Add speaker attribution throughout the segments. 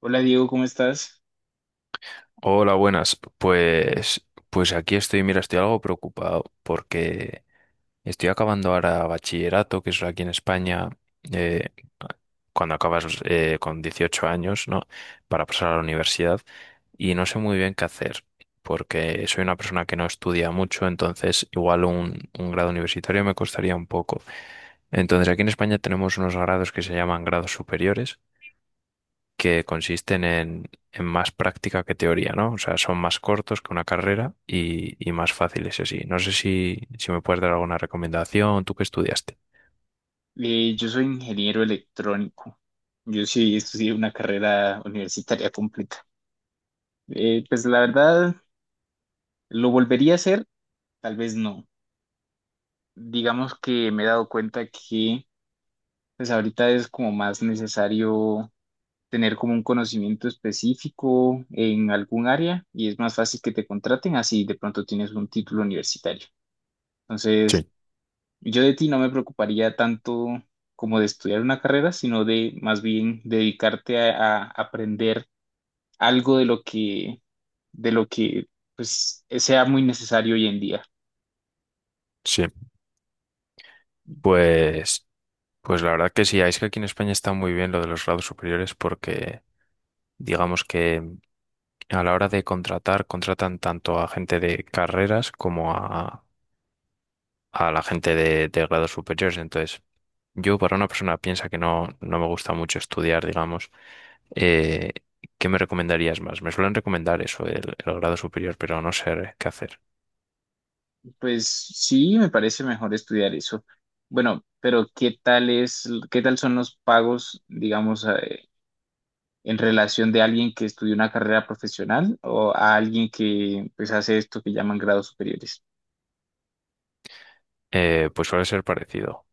Speaker 1: Hola Diego, ¿cómo estás?
Speaker 2: Hola, buenas. Pues, aquí estoy, mira, estoy algo preocupado porque estoy acabando ahora bachillerato, que es aquí en España, eh, cuando acabas con 18 años, ¿no? Para pasar a la universidad y no sé muy bien qué hacer porque soy una persona que no estudia mucho, entonces igual un grado universitario me costaría un poco. Entonces aquí en España tenemos unos grados que se llaman grados superiores que consisten en más práctica que teoría, ¿no? O sea, son más cortos que una carrera y más fáciles así. No sé si me puedes dar alguna recomendación, tú que estudiaste.
Speaker 1: Yo soy ingeniero electrónico. Yo sí estudié una carrera universitaria completa. Pues la verdad, ¿lo volvería a hacer? Tal vez no. Digamos que me he dado cuenta que pues ahorita es como más necesario tener como un conocimiento específico en algún área, y es más fácil que te contraten así de pronto tienes un título universitario. Entonces,
Speaker 2: Sí,
Speaker 1: yo de ti no me preocuparía tanto como de estudiar una carrera, sino de más bien dedicarte a, aprender algo de lo que, de lo que pues sea muy necesario hoy en día.
Speaker 2: sí. Pues, pues, la verdad que sí, es que aquí en España está muy bien lo de los grados superiores porque digamos que a la hora de contratar, contratan tanto a gente de carreras como a la gente de grados superiores. Entonces, yo, para una persona piensa que no me gusta mucho estudiar, digamos, eh, ¿qué me recomendarías más? Me suelen recomendar eso, el grado superior, pero no sé qué hacer.
Speaker 1: Pues sí, me parece mejor estudiar eso. Bueno, pero ¿qué tal es, qué tal son los pagos, digamos, en relación de alguien que estudió una carrera profesional o a alguien que pues hace esto que llaman grados superiores?
Speaker 2: Pues suele ser parecido,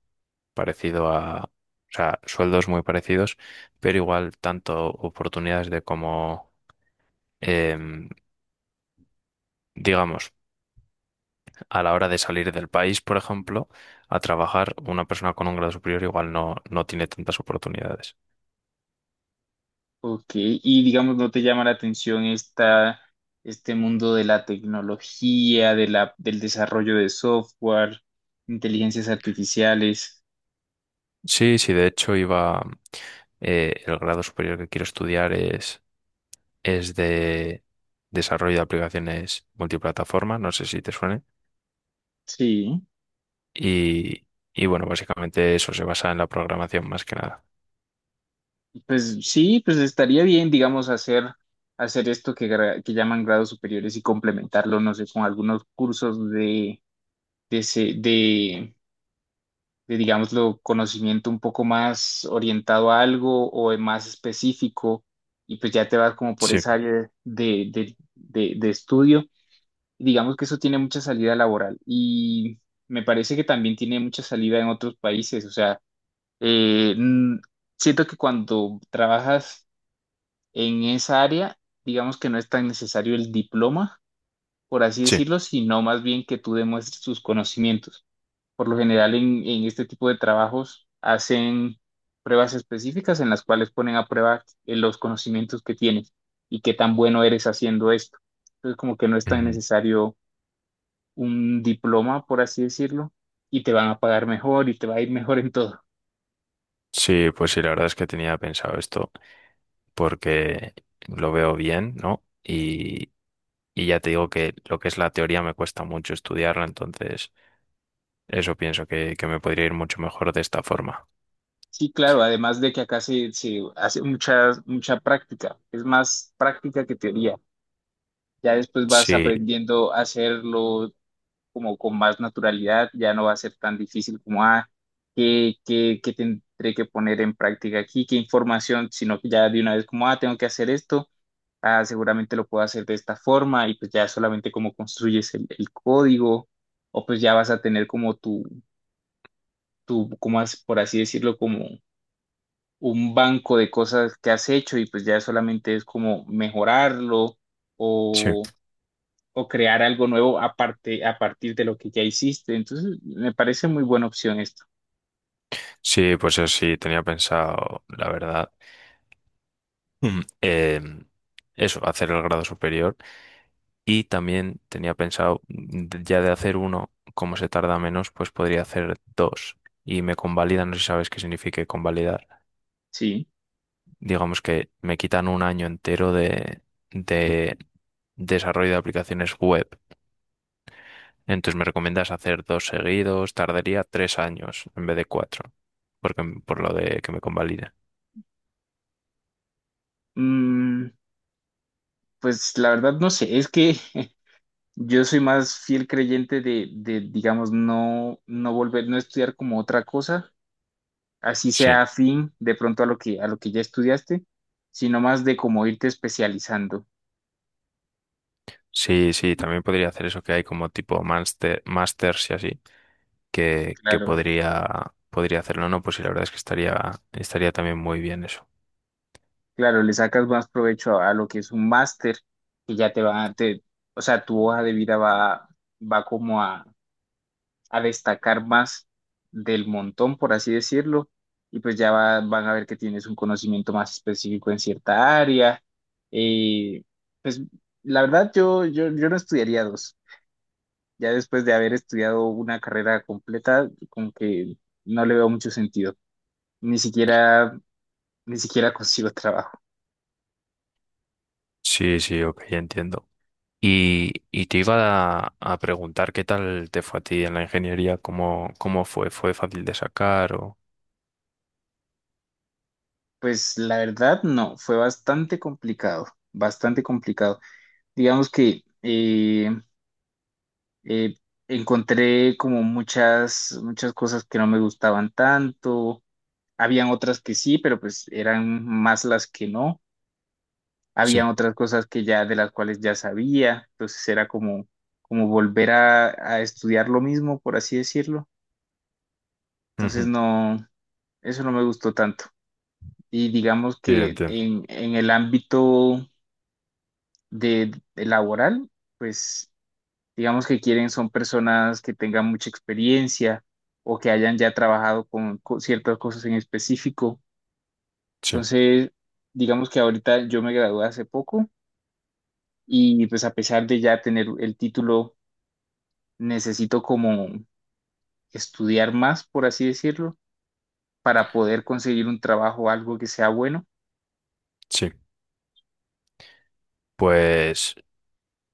Speaker 2: parecido a, o sea, sueldos muy parecidos, pero igual tanto oportunidades de como, em, digamos, a la hora de salir del país, por ejemplo, a trabajar, una persona con un grado superior igual no tiene tantas oportunidades.
Speaker 1: Ok, y digamos, ¿no te llama la atención esta, este mundo de la tecnología, del desarrollo de software, inteligencias artificiales?
Speaker 2: Sí, sí, de hecho iba, el grado superior que quiero estudiar es de desarrollo de aplicaciones multiplataforma, no sé si te suene,
Speaker 1: Sí,
Speaker 2: y, y bueno, básicamente eso se basa en la programación más que nada.
Speaker 1: sí, pues estaría bien, digamos, hacer, hacer esto que, que llaman grados superiores y complementarlo, no sé, con algunos cursos de, de, se- de, digámoslo, conocimiento un poco más orientado a algo o es más específico, y pues ya te vas como por
Speaker 2: Sí,
Speaker 1: esa área de, estudio. Y digamos que eso tiene mucha salida laboral, y me parece que también tiene mucha salida en otros países. O sea, eh, n- siento que cuando trabajas en esa área, digamos que no es tan necesario el diploma, por así
Speaker 2: sí.
Speaker 1: decirlo, sino más bien que tú demuestres tus conocimientos. Por lo general en, este tipo de trabajos hacen pruebas específicas en las cuales ponen a prueba los conocimientos que tienes y qué tan bueno eres haciendo esto. Entonces como que no es tan
Speaker 2: Ujú.
Speaker 1: necesario un diploma, por así decirlo, y te van a pagar mejor y te va a ir mejor en todo.
Speaker 2: Sí, pues sí, la verdad es que tenía pensado esto porque lo veo bien, ¿no? Y ya te digo que lo que es la teoría me cuesta mucho estudiarla, entonces eso pienso que me podría ir mucho mejor de esta forma.
Speaker 1: Sí, claro, además de que acá se hace mucha, mucha práctica, es más práctica que teoría. Ya después vas
Speaker 2: Sí,
Speaker 1: aprendiendo a hacerlo como con más naturalidad, ya no va a ser tan difícil como, ah, qué tendré que poner en práctica aquí? ¿Qué información? Sino que ya de una vez como, ah, tengo que hacer esto, ah, seguramente lo puedo hacer de esta forma, y pues ya solamente como construyes el código, o pues ya vas a tener como tu, como por así decirlo, como un banco de cosas que has hecho, y pues ya solamente es como mejorarlo
Speaker 2: sí.
Speaker 1: o o crear algo nuevo aparte, a partir de lo que ya hiciste. Entonces, me parece muy buena opción esto.
Speaker 2: Sí, pues eso sí, tenía pensado, la verdad, mm, em, eso, hacer el grado superior y también tenía pensado, ya de hacer uno, como se tarda menos, pues podría hacer dos y me convalidan, no sé si sabes qué significa convalidar.
Speaker 1: Sí.
Speaker 2: Digamos que me quitan un año entero de desarrollo de aplicaciones web. Entonces me recomiendas hacer dos seguidos, tardaría 3 años en vez de 4, porque por lo de que me convaliden.
Speaker 1: Mm, pues la verdad no sé, es que yo soy más fiel creyente de, digamos, no, no volver, no estudiar como otra cosa, así sea
Speaker 2: Sí.
Speaker 1: afín de pronto a lo que ya estudiaste, sino más de como irte especializando.
Speaker 2: Sí, sí, también podría hacer eso que hay como tipo master, masters y así, que
Speaker 1: Claro,
Speaker 2: podría, podría hacerlo, ¿no? Pues sí, la verdad es que estaría también muy bien eso.
Speaker 1: claro, le sacas más provecho a lo que es un máster, que ya te va, o sea, tu hoja de vida va, va como a destacar más del montón, por así decirlo, y pues ya van a ver que tienes un conocimiento más específico en cierta área. Eh, pues la verdad yo no estudiaría dos. Ya después de haber estudiado una carrera completa, como que no le veo mucho sentido. Ni siquiera, ni siquiera consigo trabajo.
Speaker 2: Sí, sí, ok, ya entiendo. Y te iba a preguntar qué tal te fue a ti en la ingeniería, cómo fue, ¿fue fácil de sacar o...?
Speaker 1: Pues la verdad no, fue bastante complicado, bastante complicado. Digamos que eh, encontré como muchas, muchas cosas que no me gustaban tanto. Habían otras que sí, pero pues eran más las que no.
Speaker 2: Sí,
Speaker 1: Habían otras cosas que ya de las cuales ya sabía. Entonces era como, como volver a estudiar lo mismo, por así decirlo. Entonces
Speaker 2: ujú,
Speaker 1: no, eso no me gustó tanto. Y digamos
Speaker 2: sí,
Speaker 1: que
Speaker 2: entiendo.
Speaker 1: en, el ámbito de laboral, pues digamos que quieren son personas que tengan mucha experiencia o que hayan ya trabajado con, ciertas cosas en específico.
Speaker 2: Sí,
Speaker 1: Entonces, digamos que ahorita yo me gradué hace poco, y pues a pesar de ya tener el título, necesito como estudiar más, por así decirlo, para poder conseguir un trabajo o algo que sea bueno.
Speaker 2: sí. Pues,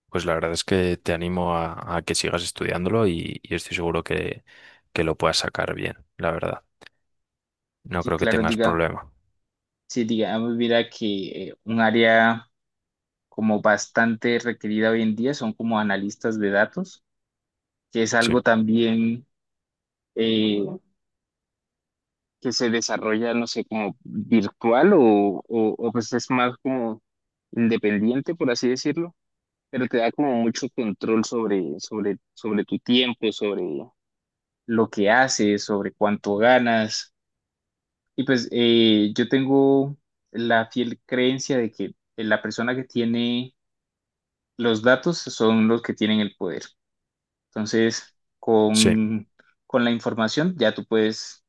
Speaker 2: pues, la verdad es que te animo a que sigas estudiándolo y estoy seguro que lo puedas sacar bien, la verdad. No
Speaker 1: Sí,
Speaker 2: creo que
Speaker 1: claro,
Speaker 2: tengas
Speaker 1: diga,
Speaker 2: problema.
Speaker 1: sí, digamos, mira que un área como bastante requerida hoy en día son como analistas de datos, que es
Speaker 2: Sí,
Speaker 1: algo también eh, que se desarrolla, no sé, como virtual o, o, pues es más como independiente, por así decirlo, pero te da como mucho control sobre, sobre tu tiempo, sobre lo que haces, sobre cuánto ganas. Y pues yo tengo la fiel creencia de que la persona que tiene los datos son los que tienen el poder. Entonces,
Speaker 2: sí.
Speaker 1: con la información ya tú puedes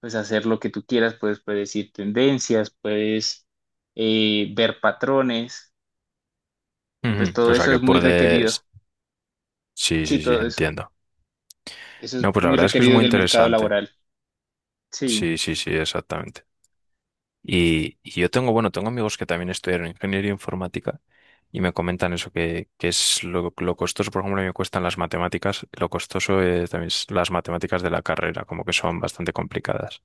Speaker 1: pues hacer lo que tú quieras, puedes predecir tendencias, puedes ver patrones, y pues
Speaker 2: Ujú.
Speaker 1: todo
Speaker 2: O sea
Speaker 1: eso
Speaker 2: que
Speaker 1: es muy requerido.
Speaker 2: puedes... Sí,
Speaker 1: Sí,
Speaker 2: sí, sí,
Speaker 1: todo eso.
Speaker 2: entiendo.
Speaker 1: Eso es
Speaker 2: No, pues la
Speaker 1: muy
Speaker 2: verdad es que es
Speaker 1: requerido en
Speaker 2: muy
Speaker 1: el mercado
Speaker 2: interesante.
Speaker 1: laboral. Sí.
Speaker 2: Sí, sí, sí, exactamente. Y yo tengo, bueno, tengo amigos que también estudiaron ingeniería informática y me comentan eso, que es lo costoso, por ejemplo, a mí me cuestan las matemáticas, lo costoso también es las matemáticas de la carrera, como que son bastante complicadas.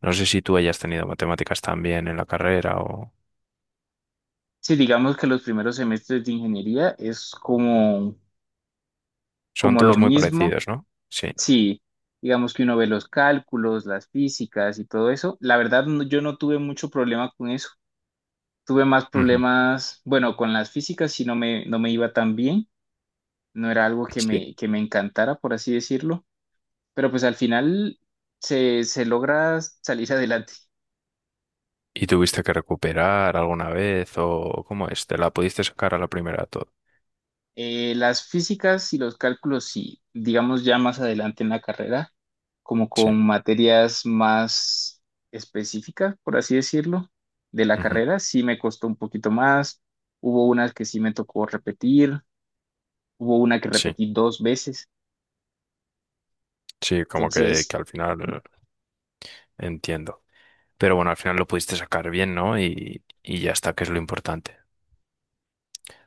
Speaker 2: No sé si tú hayas tenido matemáticas también en la carrera o...
Speaker 1: Sí, digamos que los primeros semestres de ingeniería es como,
Speaker 2: Son
Speaker 1: como lo
Speaker 2: todos muy
Speaker 1: mismo.
Speaker 2: parecidos, ¿no? Sí.
Speaker 1: Sí, digamos que uno ve los cálculos, las físicas y todo eso. La verdad, yo no tuve mucho problema con eso. Tuve más
Speaker 2: Ujú.
Speaker 1: problemas, bueno, con las físicas, si no me, no me iba tan bien, no era algo
Speaker 2: Sí.
Speaker 1: que me encantara, por así decirlo, pero pues al final se logra salir adelante.
Speaker 2: ¿Y tuviste que recuperar alguna vez o cómo es? ¿Te la pudiste sacar a la primera todo?
Speaker 1: Las físicas y los cálculos, sí, digamos ya más adelante en la carrera, como
Speaker 2: Sí,
Speaker 1: con materias más específicas, por así decirlo, de la
Speaker 2: ujú,
Speaker 1: carrera, sí me costó un poquito más, hubo unas que sí me tocó repetir, hubo una que
Speaker 2: sí,
Speaker 1: repetí dos veces,
Speaker 2: sí, como que,
Speaker 1: entonces,
Speaker 2: que al final entiendo. Pero bueno, al final lo pudiste sacar bien, ¿no? Y ya está, que es lo importante.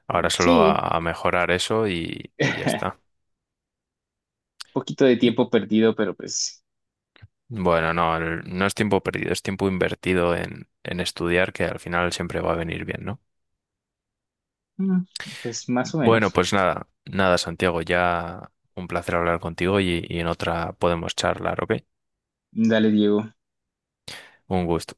Speaker 2: Ahora solo a,
Speaker 1: sí,
Speaker 2: a mejorar eso y ya está.
Speaker 1: poquito de
Speaker 2: Y
Speaker 1: tiempo perdido, pero pues,
Speaker 2: bueno, no, no es tiempo perdido, es tiempo invertido en estudiar que al final siempre va a venir bien, ¿no?
Speaker 1: mm, pues más o
Speaker 2: Bueno,
Speaker 1: menos.
Speaker 2: pues nada, nada, Santiago, ya un placer hablar contigo y en otra podemos charlar, ¿ok?
Speaker 1: Dale, Diego.
Speaker 2: Un gusto.